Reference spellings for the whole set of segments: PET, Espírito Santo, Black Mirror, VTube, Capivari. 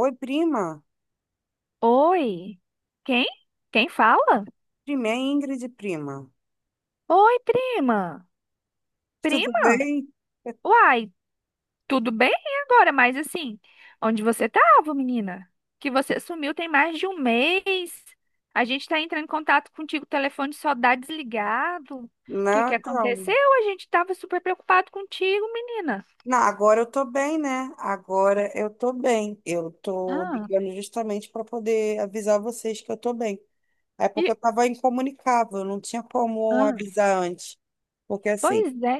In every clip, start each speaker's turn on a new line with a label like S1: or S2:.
S1: Oi, prima.
S2: Oi? Quem? Quem fala?
S1: Prima, é Ingrid, prima.
S2: Oi, prima.
S1: Tudo
S2: Prima?
S1: bem?
S2: Uai, tudo bem agora, mas assim, onde você tava, menina? Que você sumiu tem mais de um mês. A gente tá entrando em contato contigo, o telefone só dá desligado. O que
S1: Não,
S2: que
S1: então.
S2: aconteceu? A gente tava super preocupado contigo, menina.
S1: Não, agora eu tô bem, né? Agora eu tô bem. Eu tô
S2: Ah,
S1: ligando justamente para poder avisar vocês que eu tô bem. É porque eu
S2: e,
S1: tava incomunicável, não tinha como
S2: ah,
S1: avisar antes. Porque assim,
S2: pois é.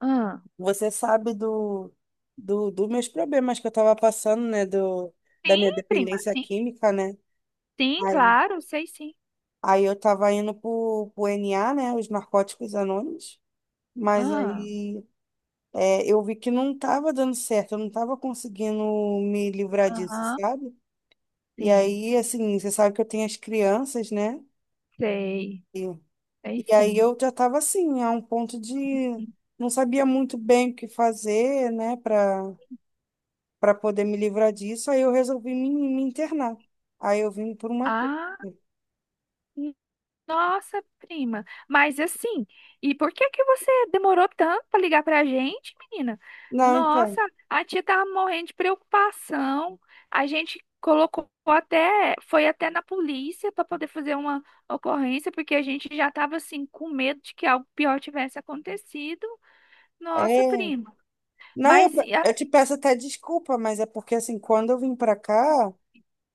S2: Ah,
S1: você sabe dos meus problemas que eu tava passando, né? Da
S2: sim,
S1: minha
S2: prima.
S1: dependência
S2: Sim,
S1: química, né?
S2: sim,
S1: Aí,
S2: claro, sei sim.
S1: aí eu tava indo pro NA, né? Os Narcóticos Anônimos. Mas
S2: Ah,
S1: aí eu vi que não estava dando certo, eu não estava conseguindo me livrar disso,
S2: aham,
S1: sabe? E
S2: sim,
S1: aí, assim, você sabe que eu tenho as crianças, né?
S2: sei.
S1: E,
S2: Aí
S1: e aí
S2: sim.
S1: eu já estava assim, a um ponto de não sabia muito bem o que fazer, né, para poder me livrar disso. Aí eu resolvi me internar. Aí eu vim por uma clínica.
S2: Ah, nossa, prima. Mas assim, e por que que você demorou tanto para ligar pra gente, menina?
S1: Não, então,
S2: Nossa, a tia tava morrendo de preocupação. A gente colocou até, foi até na polícia para poder fazer uma ocorrência, porque a gente já tava assim com medo de que algo pior tivesse acontecido. Nossa,
S1: é.
S2: prima.
S1: Não, eu,
S2: Mas e a-
S1: eu te peço até desculpa, mas é porque assim, quando eu vim para cá.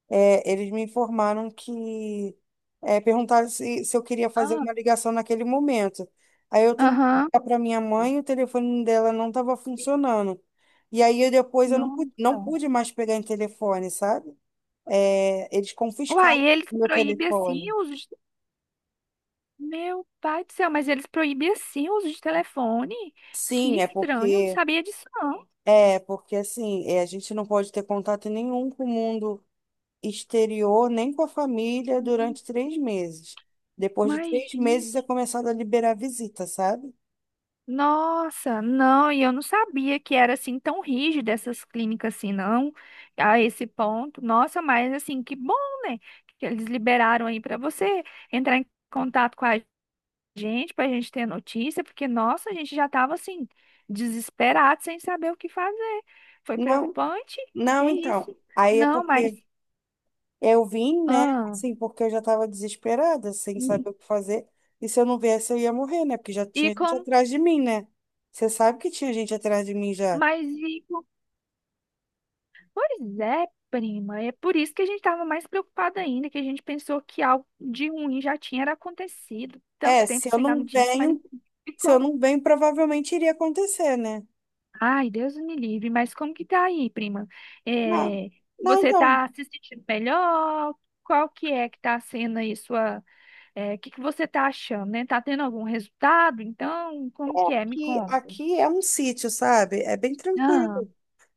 S1: Eles me informaram que perguntaram se eu queria fazer
S2: ah,
S1: uma ligação naquele momento. Aí eu tentei
S2: aham.
S1: ligar para minha mãe e o telefone dela não estava funcionando. E aí eu, depois eu não pude, não
S2: Nossa.
S1: pude mais pegar em telefone, sabe? É, eles
S2: Uai,
S1: confiscaram
S2: eles
S1: meu
S2: proíbem assim
S1: telefone.
S2: os Meu pai do céu, mas eles proibiam assim o uso de telefone? Que
S1: Sim, é
S2: estranho, eu não
S1: porque
S2: sabia disso não.
S1: a gente não pode ter contato nenhum com o mundo exterior nem com a família durante três meses. Depois de três
S2: Imagina.
S1: meses é começado a liberar visita, sabe?
S2: Nossa, não, e eu não sabia que era assim tão rígido essas clínicas assim, não, a esse ponto. Nossa, mas assim, que bom, né? Que eles liberaram aí para você entrar em contato com a gente, para a gente ter notícia, porque nossa, a gente já estava assim desesperado, sem saber o que fazer. Foi
S1: Não,
S2: preocupante. Que
S1: não, então.
S2: isso?
S1: Aí é
S2: Não, mas
S1: porque eu vim, né?
S2: ah.
S1: Assim, porque eu já estava desesperada, sem saber o que fazer. E se eu não viesse, eu ia morrer, né? Porque já
S2: E
S1: tinha gente
S2: como,
S1: atrás de mim, né? Você sabe que tinha gente atrás de mim já.
S2: mas e com- pois é, prima, é por isso que a gente estava mais preocupada ainda, que a gente pensou que algo de ruim já tinha era acontecido, tanto
S1: É,
S2: tempo sem dar notícia, mas
S1: se eu
S2: ficou.
S1: não venho, provavelmente iria acontecer, né?
S2: Ai, Deus me livre, mas como que tá aí, prima?
S1: Não,
S2: É,
S1: não,
S2: você
S1: então.
S2: tá se sentindo melhor? Qual que é que tá sendo aí sua, é, o que que você tá achando, né? Tá tendo algum resultado? Então, como que
S1: É
S2: é? Me
S1: que
S2: conta.
S1: aqui é um sítio, sabe? É bem
S2: Ah,
S1: tranquilo.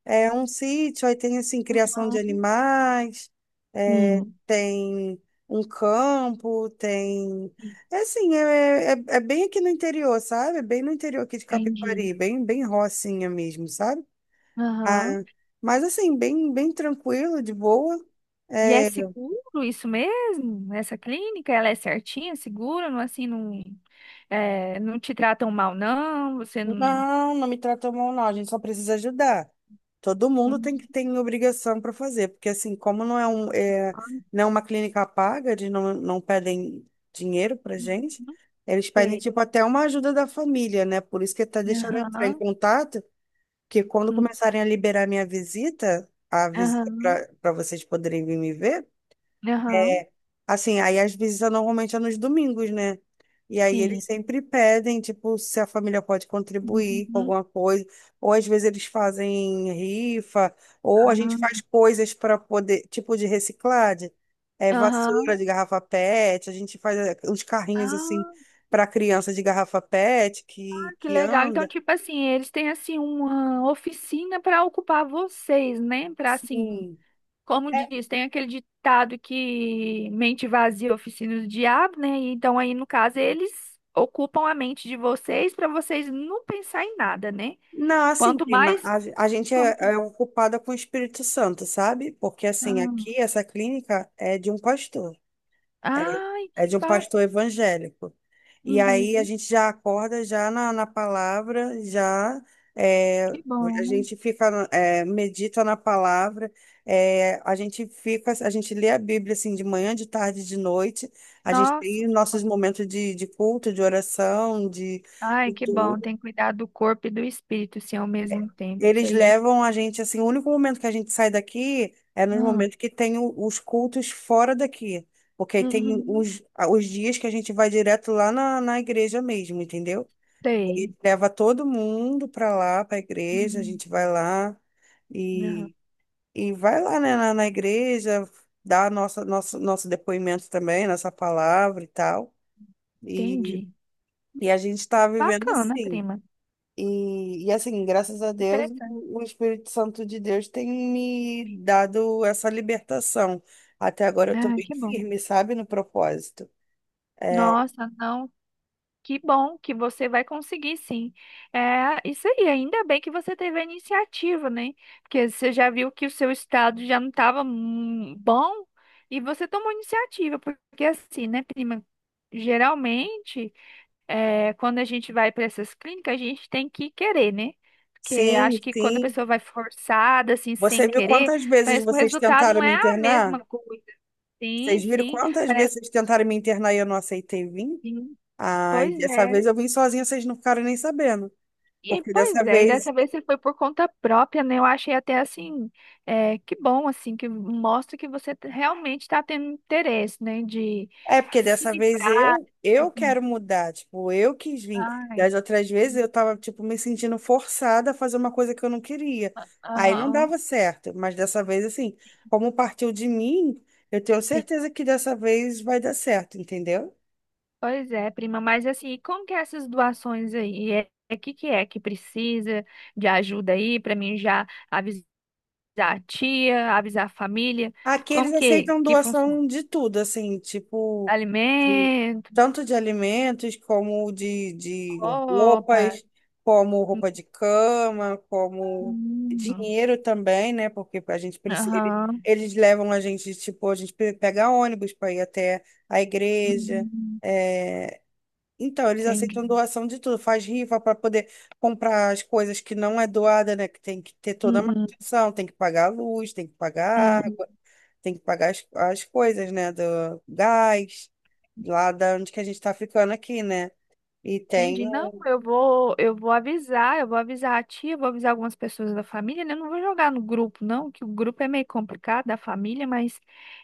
S1: É um sítio, aí tem assim, criação de
S2: aham,
S1: animais, é,
S2: sim,
S1: tem um campo, tem.
S2: sim,
S1: É assim, é bem aqui no interior, sabe? Bem no interior aqui de
S2: entendi.
S1: Capivari, bem rocinha mesmo, sabe? Ah,
S2: Aham.
S1: mas assim, bem tranquilo, de boa.
S2: E é
S1: É,
S2: seguro isso mesmo? Essa clínica, ela é certinha, segura, não assim, não, é, não te tratam mal, não, você não,
S1: não, não me tratou mal, não. A gente só precisa ajudar. Todo mundo tem que
S2: Hum,
S1: tem obrigação para fazer, porque assim, como não é
S2: ah,
S1: não é uma clínica paga, eles não pedem dinheiro pra gente,
S2: não
S1: eles pedem
S2: sei.
S1: tipo até uma ajuda da família, né? Por isso que tá deixando eu entrar em
S2: Aham,
S1: contato, que quando
S2: hum,
S1: começarem a liberar minha a visita
S2: aham,
S1: para vocês poderem vir me ver.
S2: aham,
S1: Assim, aí normalmente é nos domingos, né? E aí eles
S2: sim.
S1: sempre pedem, tipo, se a família pode contribuir com
S2: Uhum.
S1: alguma coisa, ou às vezes eles fazem rifa, ou a gente
S2: Ah,
S1: faz coisas para poder, tipo de reciclagem, é, vassoura
S2: Aham.
S1: de garrafa PET, a gente faz é, uns carrinhos assim
S2: Ah,
S1: para criança de garrafa PET
S2: que
S1: que
S2: legal. Então,
S1: anda.
S2: tipo assim, eles têm assim uma oficina para ocupar vocês, né? Para assim
S1: Sim.
S2: Como diz, tem aquele ditado que mente vazia, oficina do diabo, né? E Então, aí, no caso, eles ocupam a mente de vocês para vocês não pensar em nada, né?
S1: Não, assim,
S2: Quanto
S1: prima,
S2: mais.
S1: a gente
S2: Como que...
S1: é ocupada com o Espírito Santo, sabe? Porque, assim,
S2: Ah.
S1: aqui essa clínica é de um pastor, é,
S2: Ai,
S1: é
S2: que
S1: de um
S2: ba...
S1: pastor evangélico. E
S2: Uhum,
S1: aí a gente já acorda já na palavra, já é,
S2: que
S1: a
S2: bom.
S1: gente fica, é, medita na palavra, é, a gente fica, a gente lê a Bíblia, assim, de manhã, de tarde, de noite, a gente
S2: Nossa,
S1: tem nossos momentos de culto, de oração, de...
S2: ai, que bom.
S1: tudo.
S2: Tem que cuidar do corpo e do espírito, sim, ao mesmo tempo. Isso
S1: Eles
S2: aí. Já-
S1: levam a gente, assim, o único momento que a gente sai daqui é nos
S2: Ah.
S1: momentos que tem os cultos fora daqui. Porque aí tem
S2: Uhum.
S1: os dias que a gente vai direto lá na igreja mesmo, entendeu? Aí
S2: Sei.
S1: leva todo mundo pra lá, pra igreja, a
S2: Uhum.
S1: gente vai lá
S2: Aham.
S1: e, e vai lá, né, na igreja, dá nosso depoimento também, nossa palavra e tal. E,
S2: Entendi.
S1: e a gente tá vivendo
S2: Bacana,
S1: assim.
S2: prima.
S1: E assim, graças a Deus,
S2: Interessante.
S1: o Espírito Santo de Deus tem me dado essa libertação. Até agora eu tô
S2: Ah,
S1: bem
S2: que bom.
S1: firme, sabe, no propósito. É,
S2: Nossa, não. Que bom que você vai conseguir, sim. É isso aí, ainda bem que você teve a iniciativa, né? Porque você já viu que o seu estado já não estava bom e você tomou iniciativa, porque assim, né, prima? Geralmente, é, quando a gente vai para essas clínicas, a gente tem que querer, né? Porque acho que quando a
S1: sim.
S2: pessoa vai forçada, assim,
S1: Você
S2: sem
S1: viu
S2: querer,
S1: quantas vezes
S2: parece que o
S1: vocês
S2: resultado
S1: tentaram
S2: não
S1: me
S2: é a
S1: internar?
S2: mesma coisa. Sim,
S1: Vocês viram
S2: sim,
S1: quantas
S2: parece
S1: vezes
S2: que
S1: vocês tentaram me internar e eu não aceitei vir?
S2: sim.
S1: Ai,
S2: Pois
S1: dessa
S2: é.
S1: vez eu vim sozinha, vocês não ficaram nem sabendo.
S2: E,
S1: Porque
S2: pois
S1: dessa
S2: é, e dessa
S1: vez
S2: vez você foi por conta própria, né? Eu achei até assim, é, que bom, assim, que mostra que você te- realmente está tendo interesse, né? De
S1: É porque
S2: se
S1: dessa vez
S2: livrar.
S1: eu
S2: Assim,
S1: quero mudar, tipo, eu quis vir.
S2: Ai,
S1: Das outras vezes eu tava tipo me sentindo forçada a fazer uma coisa que eu não queria. Aí não
S2: aham.
S1: dava certo, mas dessa vez assim, como partiu de mim, eu tenho
S2: sim.
S1: certeza que dessa vez vai dar certo, entendeu?
S2: Pois é, prima, mas assim, e como que é essas doações aí? É que que é que precisa de ajuda aí para mim já avisar a tia, avisar a família?
S1: Aqui eles
S2: Como
S1: aceitam
S2: que funciona?
S1: doação de tudo, assim, tipo, de-
S2: Alimento,
S1: tanto de alimentos, como de
S2: roupa.
S1: roupas, como
S2: Hum.
S1: roupa de cama, como
S2: hum.
S1: dinheiro também, né? Porque a gente precisa.
S2: Aham.
S1: Eles levam a gente, tipo, a gente pega ônibus para ir até a igreja.
S2: Uhum.
S1: É, então, eles aceitam
S2: Entendi.
S1: doação de tudo, faz rifa para poder comprar as coisas que não é doada, né? Que tem que ter toda a
S2: Uhum.
S1: manutenção, tem que pagar a luz, tem que pagar
S2: Uhum.
S1: água, tem que pagar as coisas, né? Do gás, lá da onde que a gente está ficando aqui, né? E tem.
S2: Entendi. Não, eu vou avisar a tia, eu vou avisar algumas pessoas da família, né? Eu não vou jogar no grupo, não, que o grupo é meio complicado da família, mas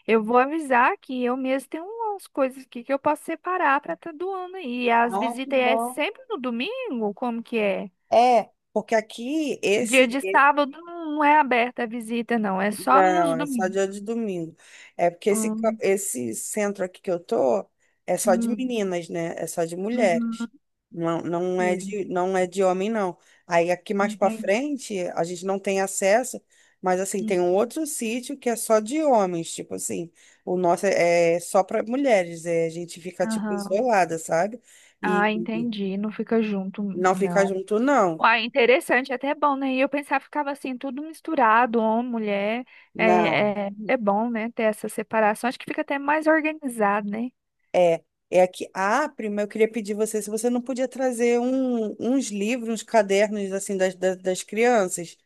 S2: eu vou avisar que eu mesmo tenho umas coisas aqui que eu posso separar para estar doando aí. E as
S1: Ah, que
S2: visitas é
S1: bom.
S2: sempre no domingo? Como que é?
S1: É, porque aqui
S2: Dia
S1: esse...
S2: de sábado não é aberta a visita, não, é só
S1: Não,
S2: nos
S1: é só
S2: domingos.
S1: dia de domingo. É porque esse,
S2: Hum,
S1: esse centro aqui que eu tô é só de
S2: hum,
S1: meninas, né? É só de mulheres.
S2: uhum,
S1: Não é
S2: sei.
S1: não é de homem, não. Aí aqui mais pra
S2: Entendi.
S1: frente a gente não tem acesso, mas assim, tem um outro sítio que é só de homens, tipo assim. O nosso é só pra mulheres, é, a gente fica tipo
S2: Aham.
S1: isolada, sabe?
S2: Ah,
S1: E
S2: entendi. Não fica junto,
S1: não fica
S2: não.
S1: junto, não.
S2: Uai, interessante, até é bom, né? E eu pensava, ficava assim, tudo misturado, homem, mulher.
S1: Não.
S2: É, é, é bom, né? Ter essa separação. Acho que fica até mais organizado, né?
S1: É, é aqui. Ah, prima, eu queria pedir você se você não podia trazer uns livros, uns cadernos assim das crianças,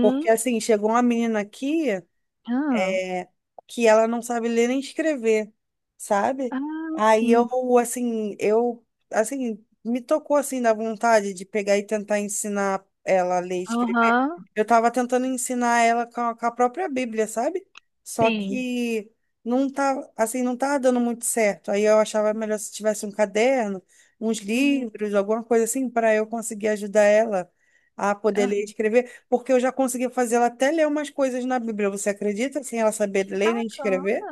S1: porque assim chegou uma menina aqui
S2: Ah,
S1: é, que ela não sabe ler nem escrever, sabe?
S2: ah,
S1: Aí
S2: sim.
S1: eu, assim, me tocou, assim, da vontade de pegar e tentar ensinar ela a ler e escrever.
S2: Aham,
S1: Eu tava tentando ensinar ela com a própria Bíblia, sabe? Só
S2: sim.
S1: que não tá, assim, não tá dando muito certo. Aí eu achava melhor se tivesse um caderno, uns
S2: Uhum.
S1: livros, alguma coisa assim, para eu conseguir ajudar ela a poder
S2: Ah,
S1: ler e escrever, porque eu já consegui fazer ela até ler umas coisas na Bíblia. Você acredita sem ela saber
S2: Que
S1: ler nem
S2: bacana.
S1: escrever?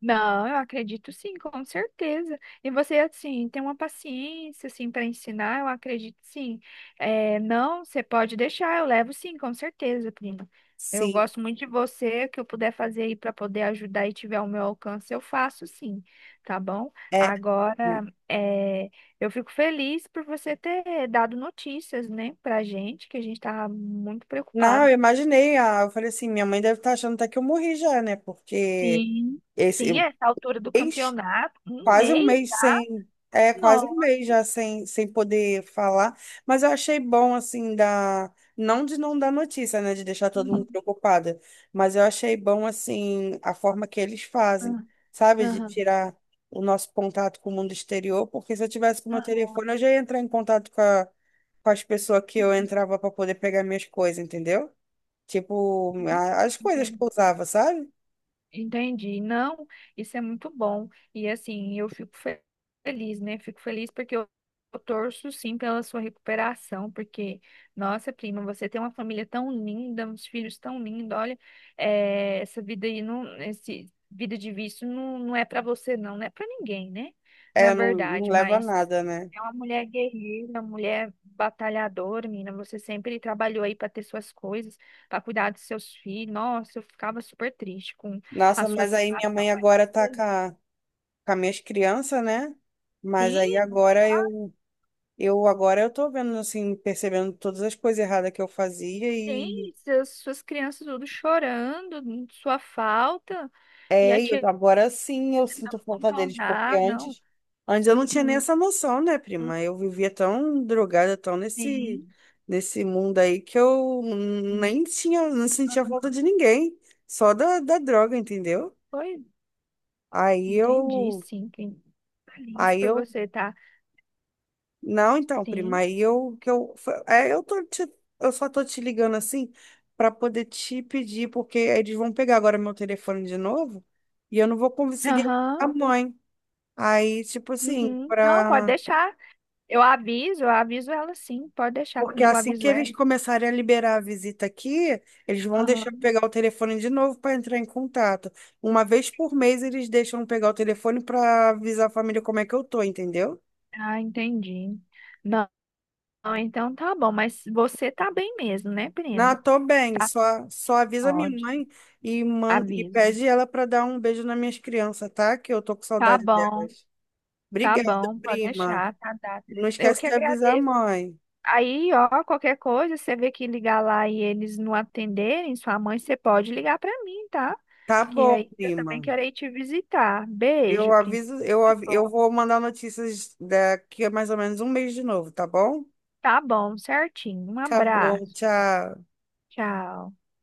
S2: Não, eu acredito sim, com certeza. E você, assim, tem uma paciência, assim, para ensinar, eu acredito sim. É, não, você pode deixar, eu levo sim, com certeza, prima. Eu
S1: Sim.
S2: gosto muito de você, o que eu puder fazer aí para poder ajudar e tiver ao meu alcance, eu faço sim, tá bom?
S1: É.
S2: Agora, é, eu fico feliz por você ter dado notícias, né, pra gente, que a gente tava muito
S1: Não,
S2: preocupado.
S1: eu imaginei. Ah, eu falei assim, minha mãe deve estar achando até que eu morri já, né? Porque
S2: Sim, sim,
S1: esse...
S2: essa altura do campeonato, um
S1: Quase um
S2: mês,
S1: mês sem, é, quase
S2: não.
S1: um mês já sem, sem poder falar, mas eu achei bom, assim, da, não de não dar notícia, né, de deixar todo mundo preocupada, mas eu achei bom, assim, a forma que eles fazem,
S2: Ah,
S1: sabe, de
S2: Aham,
S1: tirar o nosso contato com o mundo exterior, porque se eu tivesse com o meu
S2: aham,
S1: telefone, eu já ia entrar em contato com as pessoas que eu entrava para poder pegar minhas coisas, entendeu? Tipo, as coisas que
S2: entendi.
S1: eu usava, sabe?
S2: Entendi. Não, isso é muito bom. E assim, feliz, né? Fico feliz porque eu torço sim pela sua recuperação, porque, nossa, prima, você tem uma família tão linda, uns filhos tão lindos. Olha, eh, essa vida aí, não, esse vida de vício não, não é para você, não, não é para ninguém, né? Na
S1: É, não, não
S2: verdade,
S1: leva a
S2: mas.
S1: nada, né?
S2: É uma mulher guerreira, mulher batalhadora, menina. Você sempre trabalhou aí para ter suas coisas, para cuidar dos seus filhos. Nossa, eu ficava super triste com a
S1: Nossa,
S2: sua
S1: mas aí minha
S2: situação,
S1: mãe
S2: mas
S1: agora tá
S2: foi-
S1: com as minhas crianças, né? Mas aí
S2: sim,
S1: agora eu agora eu tô vendo assim, percebendo todas as coisas erradas que eu fazia e
S2: suas crianças tudo chorando, sua falta, e a
S1: e eu,
S2: tia
S1: agora sim eu sinto
S2: tentando
S1: falta deles, porque
S2: contornar, não.
S1: antes eu não tinha nem
S2: Uhum,
S1: essa noção, né, prima? Eu vivia tão drogada, tão
S2: sim.
S1: nesse mundo aí que eu nem tinha, não sentia falta de ninguém, só da droga, entendeu?
S2: Foi,
S1: Aí
S2: entendi,
S1: eu
S2: sim. Fiquei feliz
S1: Aí
S2: por
S1: eu
S2: você, tá?
S1: Não, então, prima,
S2: Sim.
S1: aí eu que eu foi- é, eu tô te- eu só tô te ligando assim para poder te pedir, porque eles vão pegar agora meu telefone de novo e eu não vou conseguir
S2: Aham.
S1: a mãe. Aí, tipo assim,
S2: Uhum. Não, pode
S1: para...
S2: deixar. Eu aviso ela sim. Pode deixar
S1: porque
S2: comigo, eu
S1: assim que
S2: aviso ela.
S1: eles começarem a liberar a visita aqui, eles vão deixar eu
S2: Aham.
S1: pegar o telefone de novo para entrar em contato. Uma vez por mês eles deixam eu pegar o telefone para avisar a família como é que eu tô, entendeu?
S2: Ah, entendi. Não, não, então tá bom, mas você tá bem mesmo, né,
S1: Não,
S2: prima?
S1: tô bem.
S2: Tá
S1: Só, só avisa minha
S2: ótimo,
S1: mãe e, man, e
S2: aviso.
S1: pede ela para dar um beijo nas minhas crianças, tá? Que eu tô com
S2: Tá
S1: saudade
S2: bom,
S1: delas.
S2: tá
S1: Obrigada,
S2: bom, pode
S1: prima.
S2: deixar, tá dado.
S1: Não
S2: Eu
S1: esquece
S2: que
S1: de avisar a
S2: agradeço.
S1: mãe.
S2: Aí, ó, qualquer coisa, você vê que ligar lá e eles não atenderem, sua mãe, você pode ligar pra mim, tá?
S1: Tá
S2: Que
S1: bom,
S2: aí eu também
S1: prima.
S2: quero ir te visitar.
S1: Eu
S2: Beijo, prima.
S1: aviso,
S2: Que
S1: eu
S2: bom.
S1: vou mandar notícias daqui a mais ou menos um mês de novo, tá bom?
S2: Tá bom, certinho. Um
S1: Tá bom,
S2: abraço.
S1: tchau.
S2: Tchau.